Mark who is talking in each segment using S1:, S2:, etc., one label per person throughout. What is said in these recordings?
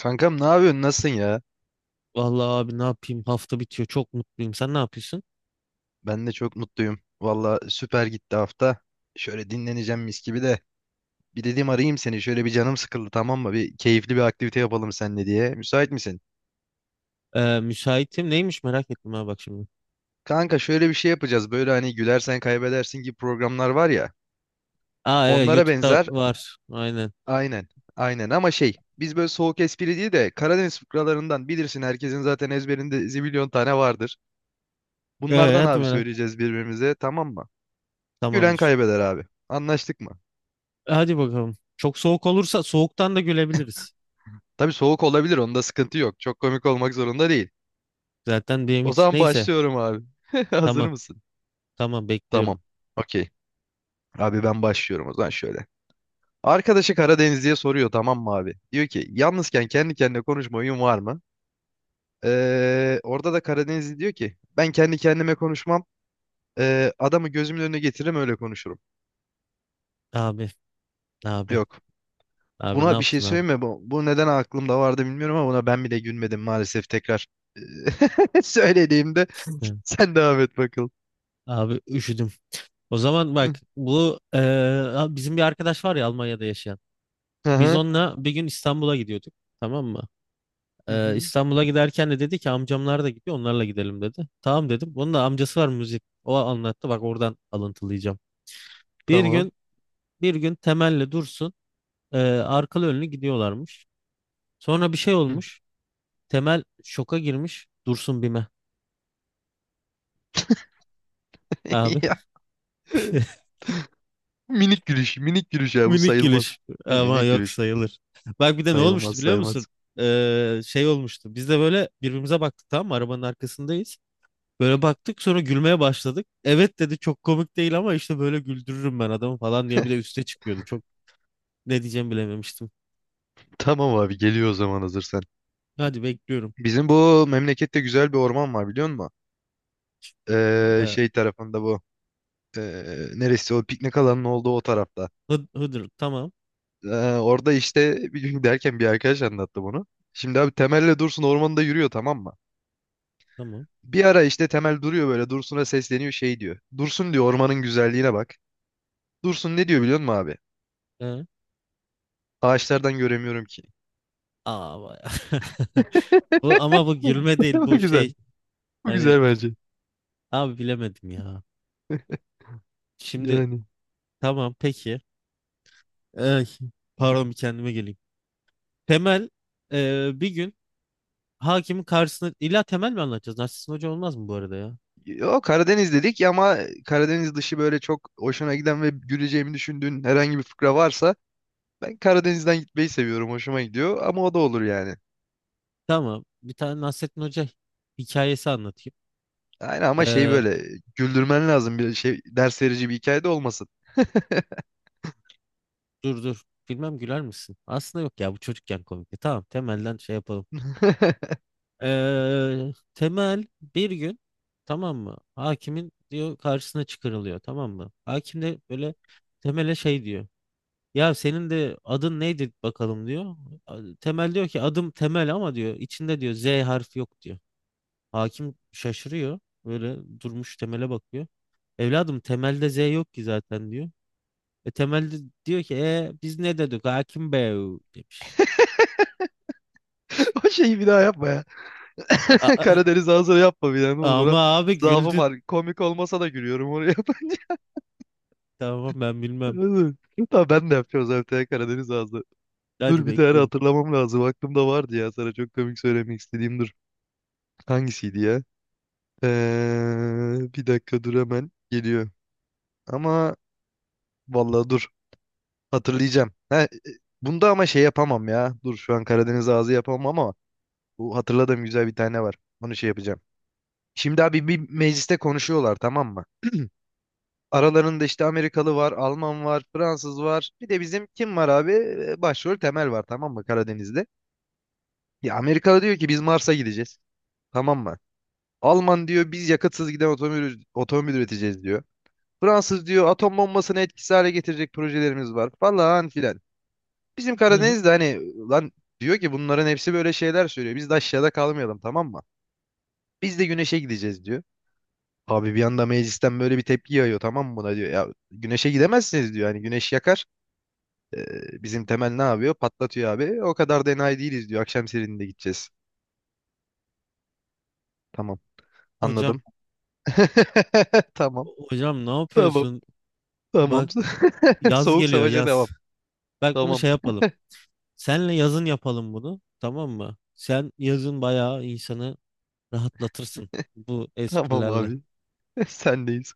S1: Kankam ne yapıyorsun? Nasılsın ya?
S2: Vallahi abi ne yapayım? Hafta bitiyor. Çok mutluyum. Sen ne yapıyorsun?
S1: Ben de çok mutluyum. Valla süper gitti hafta. Şöyle dinleneceğim mis gibi de. Bir dedim arayayım seni. Şöyle bir canım sıkıldı tamam mı? Bir keyifli bir aktivite yapalım seninle diye. Müsait misin?
S2: Müsaitim. Neymiş merak ettim, ha bak şimdi.
S1: Kanka şöyle bir şey yapacağız. Böyle hani gülersen kaybedersin gibi programlar var ya.
S2: Aa, evet
S1: Onlara
S2: YouTube'da
S1: benzer.
S2: var. Aynen.
S1: Aynen. Aynen ama şey. Biz böyle soğuk espri değil de Karadeniz fıkralarından bilirsin. Herkesin zaten ezberinde zibilyon tane vardır. Bunlardan
S2: Hadi
S1: abi
S2: merak.
S1: söyleyeceğiz birbirimize tamam mı? Gülen
S2: Tamamdır.
S1: kaybeder abi. Anlaştık mı?
S2: Hadi bakalım. Çok soğuk olursa soğuktan da gülebiliriz.
S1: Tabii soğuk olabilir onda sıkıntı yok. Çok komik olmak zorunda değil.
S2: Zaten benim
S1: O
S2: hiç.
S1: zaman
S2: Neyse.
S1: başlıyorum abi. Hazır
S2: Tamam.
S1: mısın?
S2: Tamam, bekliyorum.
S1: Tamam. Okey. Abi ben başlıyorum o zaman şöyle. Arkadaşı Karadenizli'ye soruyor tamam mı abi? Diyor ki yalnızken kendi kendine konuşma huyun var mı? Orada da Karadenizli diyor ki ben kendi kendime konuşmam. Adamı gözümün önüne getiririm öyle konuşurum.
S2: Abi. Abi.
S1: Yok.
S2: Abi, ne
S1: Buna bir şey
S2: yaptın abi?
S1: söyleme. Bu neden aklımda vardı bilmiyorum ama buna ben bile gülmedim maalesef tekrar. Söylediğimde
S2: Hı.
S1: sen devam et bakalım.
S2: Abi üşüdüm. O zaman bak, bu bizim bir arkadaş var ya Almanya'da yaşayan. Biz onunla bir gün İstanbul'a gidiyorduk. Tamam mı?
S1: Hı hı.
S2: İstanbul'a giderken de dedi ki amcamlar da gidiyor, onlarla gidelim dedi. Tamam dedim. Onun da amcası var müzik. O anlattı, bak oradan alıntılayacağım. Bir
S1: Tamam.
S2: gün bir gün Temel'le Dursun arkalı önlü gidiyorlarmış. Sonra bir şey
S1: Hı.
S2: olmuş. Temel şoka girmiş. Dursun Bime abi.
S1: Ya, minik gülüş, minik gülüş ya bu
S2: Minik
S1: sayılmaz.
S2: gülüş
S1: Ne
S2: ama yok
S1: gülüş?
S2: sayılır. Bak bir de ne olmuştu
S1: Sayılmaz,
S2: biliyor musun?
S1: sayılmaz.
S2: Şey olmuştu. Biz de böyle birbirimize baktık, tamam mı? Arabanın arkasındayız. Böyle baktık sonra gülmeye başladık. Evet dedi, çok komik değil ama işte böyle güldürürüm ben adamı falan diye bir de üste çıkıyordu. Çok ne diyeceğimi bilememiştim.
S1: Tamam abi geliyor o zaman hazırsan.
S2: Hadi bekliyorum.
S1: Bizim bu memlekette güzel bir orman var biliyor musun?
S2: Ee,
S1: Şey tarafında bu. Ee, Neresi o piknik alanının olduğu o tarafta.
S2: Hıdır, tamam
S1: Ee, Orada işte bir gün derken bir arkadaş anlattı bunu. Şimdi abi Temel'le Dursun ormanda yürüyor tamam mı?
S2: tamam.
S1: Bir ara işte Temel duruyor böyle Dursun'a sesleniyor şey diyor. Dursun diyor ormanın güzelliğine bak. Dursun ne diyor biliyor musun abi?
S2: Ee,
S1: Ağaçlardan göremiyorum ki.
S2: Aa, vay. Ama bu gülme değil,
S1: Bu
S2: bu şey
S1: güzel. Bu
S2: hani
S1: güzel bence.
S2: abi, bilemedim ya. Şimdi
S1: Yani.
S2: tamam peki. Ay, pardon bir kendime geleyim. Temel bir gün hakimin karşısına, illa Temel mi anlatacağız? Nasrettin Hoca olmaz mı bu arada ya?
S1: O Karadeniz dedik ya, ama Karadeniz dışı böyle çok hoşuna giden ve güleceğimi düşündüğün herhangi bir fıkra varsa ben Karadeniz'den gitmeyi seviyorum. Hoşuma gidiyor ama o da olur yani.
S2: Tamam, bir tane Nasrettin Hoca hikayesi anlatayım.
S1: Aynen ama şey
S2: Ee,
S1: böyle güldürmen lazım bir şey ders verici bir hikaye de olmasın.
S2: Dur dur. Bilmem güler misin? Aslında yok ya, bu çocukken komikti. Tamam, temelden şey yapalım. Temel bir gün, tamam mı? Hakimin diyor karşısına çıkarılıyor, tamam mı? Hakim de böyle temele şey diyor. Ya senin de adın neydi bakalım diyor. Temel diyor ki adım Temel ama diyor içinde diyor Z harfi yok diyor. Hakim şaşırıyor. Böyle durmuş temele bakıyor. Evladım, temelde Z yok ki zaten diyor. E temelde diyor ki biz ne dedik hakim bey demiş.
S1: O şeyi bir daha yapma ya.
S2: A- a-
S1: Karadeniz ağzına yapma bir daha ne olur ona.
S2: Ama abi
S1: Zaafım
S2: güldü.
S1: var. Komik olmasa da gülüyorum onu yapınca.
S2: Tamam ben bilmem.
S1: Tamam ben de yapacağım zaten Karadeniz ağzı.
S2: Hadi
S1: Dur bir tane
S2: bekliyorum.
S1: hatırlamam lazım. Aklımda vardı ya. Sana çok komik söylemek istediğim dur. Hangisiydi ya? Bir dakika dur hemen. Geliyor. Ama vallahi dur. Hatırlayacağım. Bunda ama şey yapamam ya. Dur şu an Karadeniz ağzı yapamam ama bu hatırladığım güzel bir tane var. Onu şey yapacağım. Şimdi abi bir mecliste konuşuyorlar tamam mı? Aralarında işte Amerikalı var, Alman var, Fransız var. Bir de bizim kim var abi? Başrol Temel var tamam mı Karadeniz'de? Ya Amerikalı diyor ki biz Mars'a gideceğiz. Tamam mı? Alman diyor biz yakatsız giden otomobil üreteceğiz diyor. Fransız diyor atom bombasını etkisiz hale getirecek projelerimiz var falan filan. Bizim
S2: Evet,
S1: Karadeniz'de hani lan diyor ki bunların hepsi böyle şeyler söylüyor. Biz de aşağıda kalmayalım tamam mı? Biz de güneşe gideceğiz diyor. Abi bir anda meclisten böyle bir tepki yağıyor tamam mı buna diyor. Ya güneşe gidemezsiniz diyor. Hani güneş yakar. Bizim Temel ne yapıyor? Patlatıyor abi. O kadar da enayi değiliz diyor. Akşam serininde gideceğiz. Tamam
S2: hocam
S1: anladım. Tamam.
S2: hocam ne
S1: Tamam.
S2: yapıyorsun?
S1: Tamam.
S2: Bak yaz
S1: Soğuk
S2: geliyor
S1: savaşa devam.
S2: yaz. Bak bunu
S1: Tamam.
S2: şey yapalım. Senle yazın yapalım bunu. Tamam mı? Sen yazın bayağı insanı rahatlatırsın bu
S1: Tamam
S2: esprilerle.
S1: abi. Sendeyiz.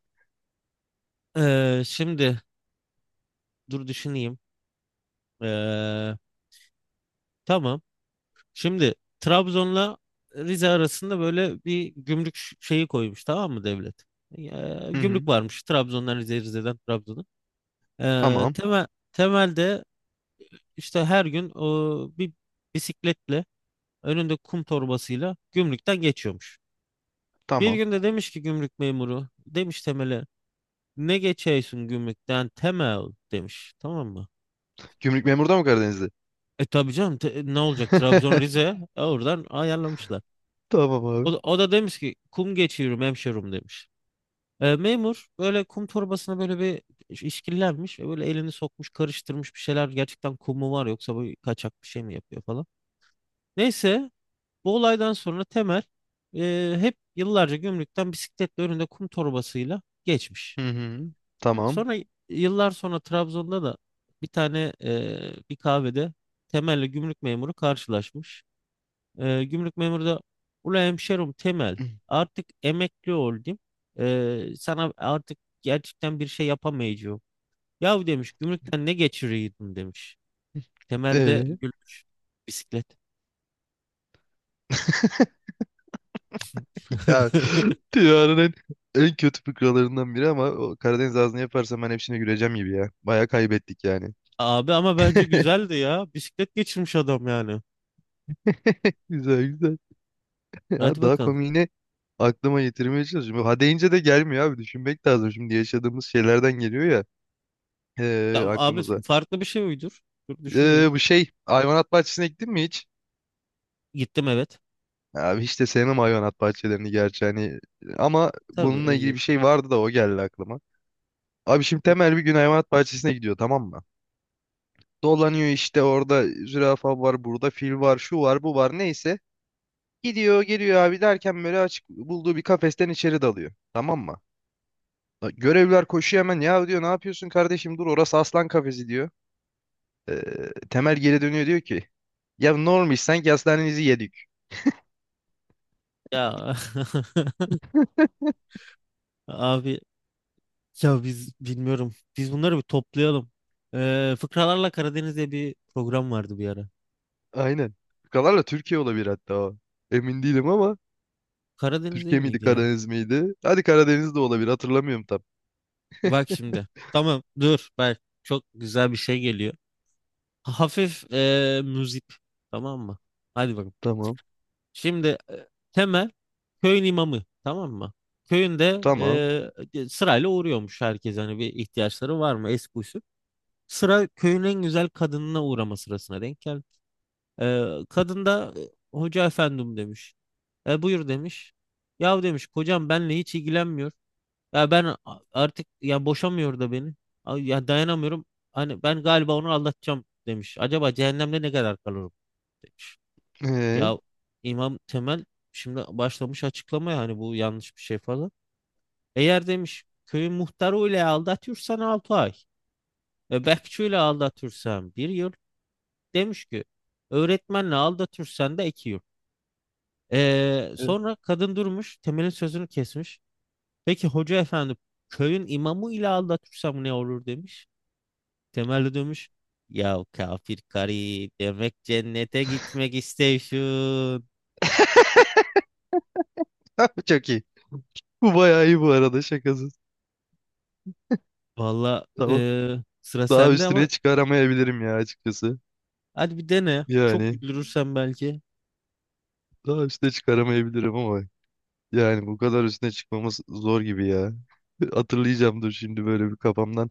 S2: Şimdi dur düşüneyim. Ee, tamam. Şimdi Trabzon'la Rize arasında böyle bir gümrük şeyi koymuş, tamam mı devlet?
S1: Hı hı.
S2: Gümrük varmış Trabzon'dan Rize'ye, Rize'den Trabzon'a. Ee,
S1: Tamam.
S2: temel, Temelde işte her gün bir bisikletle önünde kum torbasıyla gümrükten geçiyormuş. Bir
S1: Tamam.
S2: günde demiş ki gümrük memuru, demiş Temel'e ne geçiyorsun gümrükten Temel demiş, tamam mı?
S1: Gümrük memuru da mı Karadeniz'de?
S2: E tabii canım ne olacak, Trabzon Rize, oradan ayarlamışlar.
S1: Tamam
S2: O,
S1: abi.
S2: da- o da demiş ki kum geçiyorum hemşerim demiş. Memur böyle kum torbasına böyle bir işkillenmiş ve böyle elini sokmuş karıştırmış, bir şeyler gerçekten kum mu var yoksa bu kaçak bir şey mi yapıyor falan. Neyse, bu olaydan sonra Temel hep yıllarca gümrükten bisikletle önünde kum torbasıyla geçmiş.
S1: Hı hı. Tamam.
S2: Sonra yıllar sonra Trabzon'da da bir kahvede Temel'le gümrük memuru karşılaşmış. Gümrük memuru da ula hemşerim Temel, artık emekli oldum. Sana artık gerçekten bir şey yapamayacağım. Yahu demiş gümrükten ne geçiriyordun demiş. Temel de
S1: Ee,
S2: gülmüş. Bisiklet.
S1: ya dünyanın en kötü fıkralarından biri ama o Karadeniz ağzını yaparsam ben hepsine güleceğim gibi ya. Baya kaybettik yani.
S2: Abi ama bence güzeldi ya. Bisiklet geçirmiş adam yani.
S1: Güzel güzel.
S2: Hadi
S1: Ya daha
S2: bakalım.
S1: komiğini aklıma getirmeye çalışıyorum. Ha deyince de gelmiyor abi. Düşünmek lazım. Şimdi yaşadığımız şeylerden geliyor ya.
S2: Ya abi,
S1: Aklımıza.
S2: farklı bir şey uydur. Dur düşüneyim.
S1: Bu şey hayvanat bahçesine gittin mi hiç?
S2: Gittim, evet.
S1: Abi hiç de sevmem hayvanat bahçelerini gerçi hani ama
S2: Tabii,
S1: bununla ilgili
S2: eziyet.
S1: bir şey vardı da o geldi aklıma. Abi şimdi Temel bir gün hayvanat bahçesine gidiyor tamam mı? Dolanıyor işte orada zürafa var burada fil var şu var bu var neyse. Gidiyor geliyor abi derken böyle açık bulduğu bir kafesten içeri dalıyor tamam mı? Görevliler koşuyor hemen ya diyor ne yapıyorsun kardeşim dur orası aslan kafesi diyor. Ee, Temel geri dönüyor diyor ki ya normal sanki aslanınızı yedik.
S2: Ya, abi ya biz bilmiyorum. Biz bunları bir toplayalım. Fıkralarla Karadeniz diye bir program vardı bir ara.
S1: Aynen. Kalarla Türkiye olabilir hatta o. Emin değilim ama
S2: Karadeniz değil
S1: Türkiye miydi
S2: miydi ya?
S1: Karadeniz miydi? Hadi Karadeniz de olabilir hatırlamıyorum tam.
S2: Bak şimdi. Tamam dur. Bak çok güzel bir şey geliyor. Hafif müzik. Tamam mı? Hadi bakalım.
S1: Tamam.
S2: Şimdi Temel köyün imamı, tamam mı? Köyünde
S1: Tamam.
S2: sırayla uğruyormuş herkes, hani bir ihtiyaçları var mı, eski usul. Sıra köyün en güzel kadınına uğrama sırasına denk geldi. Kadın da hoca efendim demiş. Buyur demiş. Yahu demiş kocam benle hiç ilgilenmiyor. Ya ben artık ya, boşamıyor da beni. Ay, ya dayanamıyorum. Hani ben galiba onu aldatacağım demiş. Acaba cehennemde ne kadar kalırım? Demiş.
S1: Ee,
S2: Ya, İmam Temel şimdi başlamış açıklamaya, hani bu yanlış bir şey falan. Eğer demiş köyün muhtarı ile aldatıyorsan 6 ay. Bekçi ile aldatıyorsan 1 yıl. Demiş ki öğretmenle aldatıyorsan da 2 yıl. Sonra kadın durmuş Temel'in sözünü kesmiş. Peki hoca efendi, köyün imamı ile aldatırsam ne olur demiş. Temel de demiş ya kafir karı, demek cennete gitmek istiyorsun.
S1: çok iyi. Bu bayağı iyi bu arada şakasız.
S2: Valla
S1: Tamam.
S2: sıra
S1: Daha
S2: sende
S1: üstüne
S2: ama.
S1: çıkaramayabilirim ya açıkçası.
S2: Hadi bir dene. Çok
S1: Yani
S2: güldürürsen belki.
S1: daha üstüne çıkaramayabilirim ama yani bu kadar üstüne çıkmamız zor gibi ya. Hatırlayacağım dur şimdi böyle bir kafamdan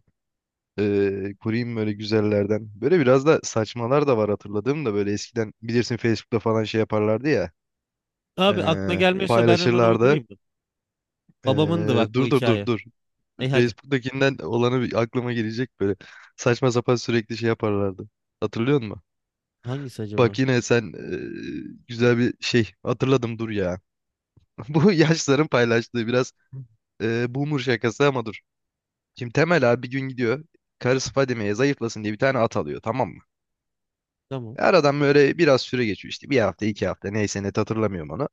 S1: kurayım böyle güzellerden. Böyle biraz da saçmalar da var hatırladığım da böyle eskiden bilirsin Facebook'ta falan şey yaparlardı ya.
S2: Abi aklına gelmiyorsa ben hemen
S1: Paylaşırlardı.
S2: uydurayım mı? Babamındı bak bu
S1: Dur dur dur
S2: hikaye.
S1: dur.
S2: Ay hadi.
S1: Facebook'takinden olanı bir aklıma gelecek böyle. Saçma sapan sürekli şey yaparlardı. Hatırlıyor musun?
S2: Hangisi acaba?
S1: Bak yine sen güzel bir şey hatırladım dur ya. Bu yaşların paylaştığı biraz boomer şakası ama dur. Şimdi Temel abi bir gün gidiyor. Karısı Fadime'ye zayıflasın diye bir tane at alıyor tamam mı?
S2: Tamam.
S1: Aradan böyle biraz süre geçiyor işte. Bir hafta iki hafta neyse net hatırlamıyorum onu.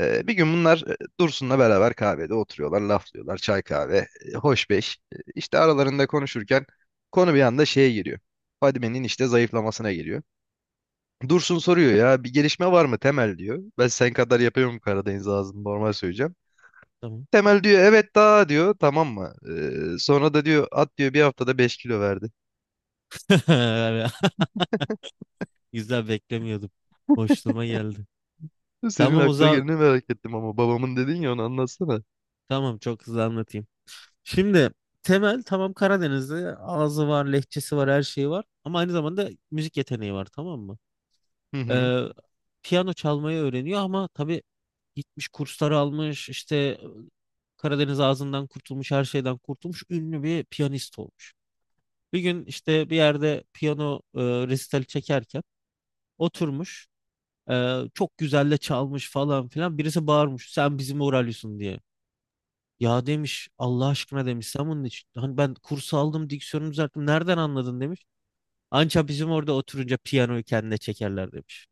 S1: Bir gün bunlar Dursun'la beraber kahvede oturuyorlar, laflıyorlar, çay kahve, hoş beş. E, İşte aralarında konuşurken konu bir anda şeye giriyor. Fadime'nin işte zayıflamasına geliyor. Dursun soruyor ya bir gelişme var mı Temel diyor. Ben sen kadar yapıyorum Karadeniz ağzını normal söyleyeceğim.
S2: Tamam.
S1: Temel diyor evet daha diyor tamam mı? Sonra da diyor at diyor bir haftada 5 kilo verdi.
S2: Güzel, beklemiyordum. Boşluğuma geldi.
S1: Senin
S2: Tamam o
S1: aklına
S2: zaman.
S1: geleni merak ettim ama babamın dedin ya onu anlatsana.
S2: Tamam, çok hızlı anlatayım. Şimdi Temel, tamam, Karadenizli ağzı var, lehçesi var, her şeyi var. Ama aynı zamanda müzik yeteneği var, tamam mı?
S1: Hı hı.
S2: Ee, Piyano çalmayı öğreniyor ama tabii gitmiş kurslar almış işte, Karadeniz ağzından kurtulmuş, her şeyden kurtulmuş, ünlü bir piyanist olmuş. Bir gün işte bir yerde piyano resitali çekerken oturmuş, e, çok güzel de çalmış falan filan, birisi bağırmış sen bizim Oralyos'un diye. Ya demiş Allah aşkına demiş sen bunun için, hani ben kursu aldım diksiyonu düzelttim, nereden anladın demiş. Anca bizim orada oturunca piyanoyu kendine çekerler demiş.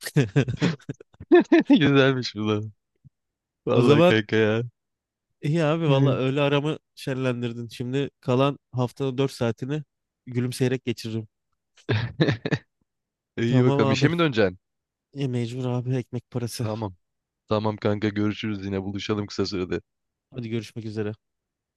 S1: Güzelmiş bu da.
S2: O
S1: Vallahi
S2: zaman
S1: kanka ya.
S2: İyi abi valla,
S1: Hı.
S2: öğle aramı şenlendirdin. Şimdi kalan haftanın 4 saatini gülümseyerek geçiririm.
S1: İyi
S2: Tamam
S1: bakalım işe
S2: abi.
S1: mi döneceksin?
S2: Ya mecbur abi, ekmek parası.
S1: Tamam. Tamam kanka görüşürüz yine buluşalım kısa sürede.
S2: Hadi görüşmek üzere.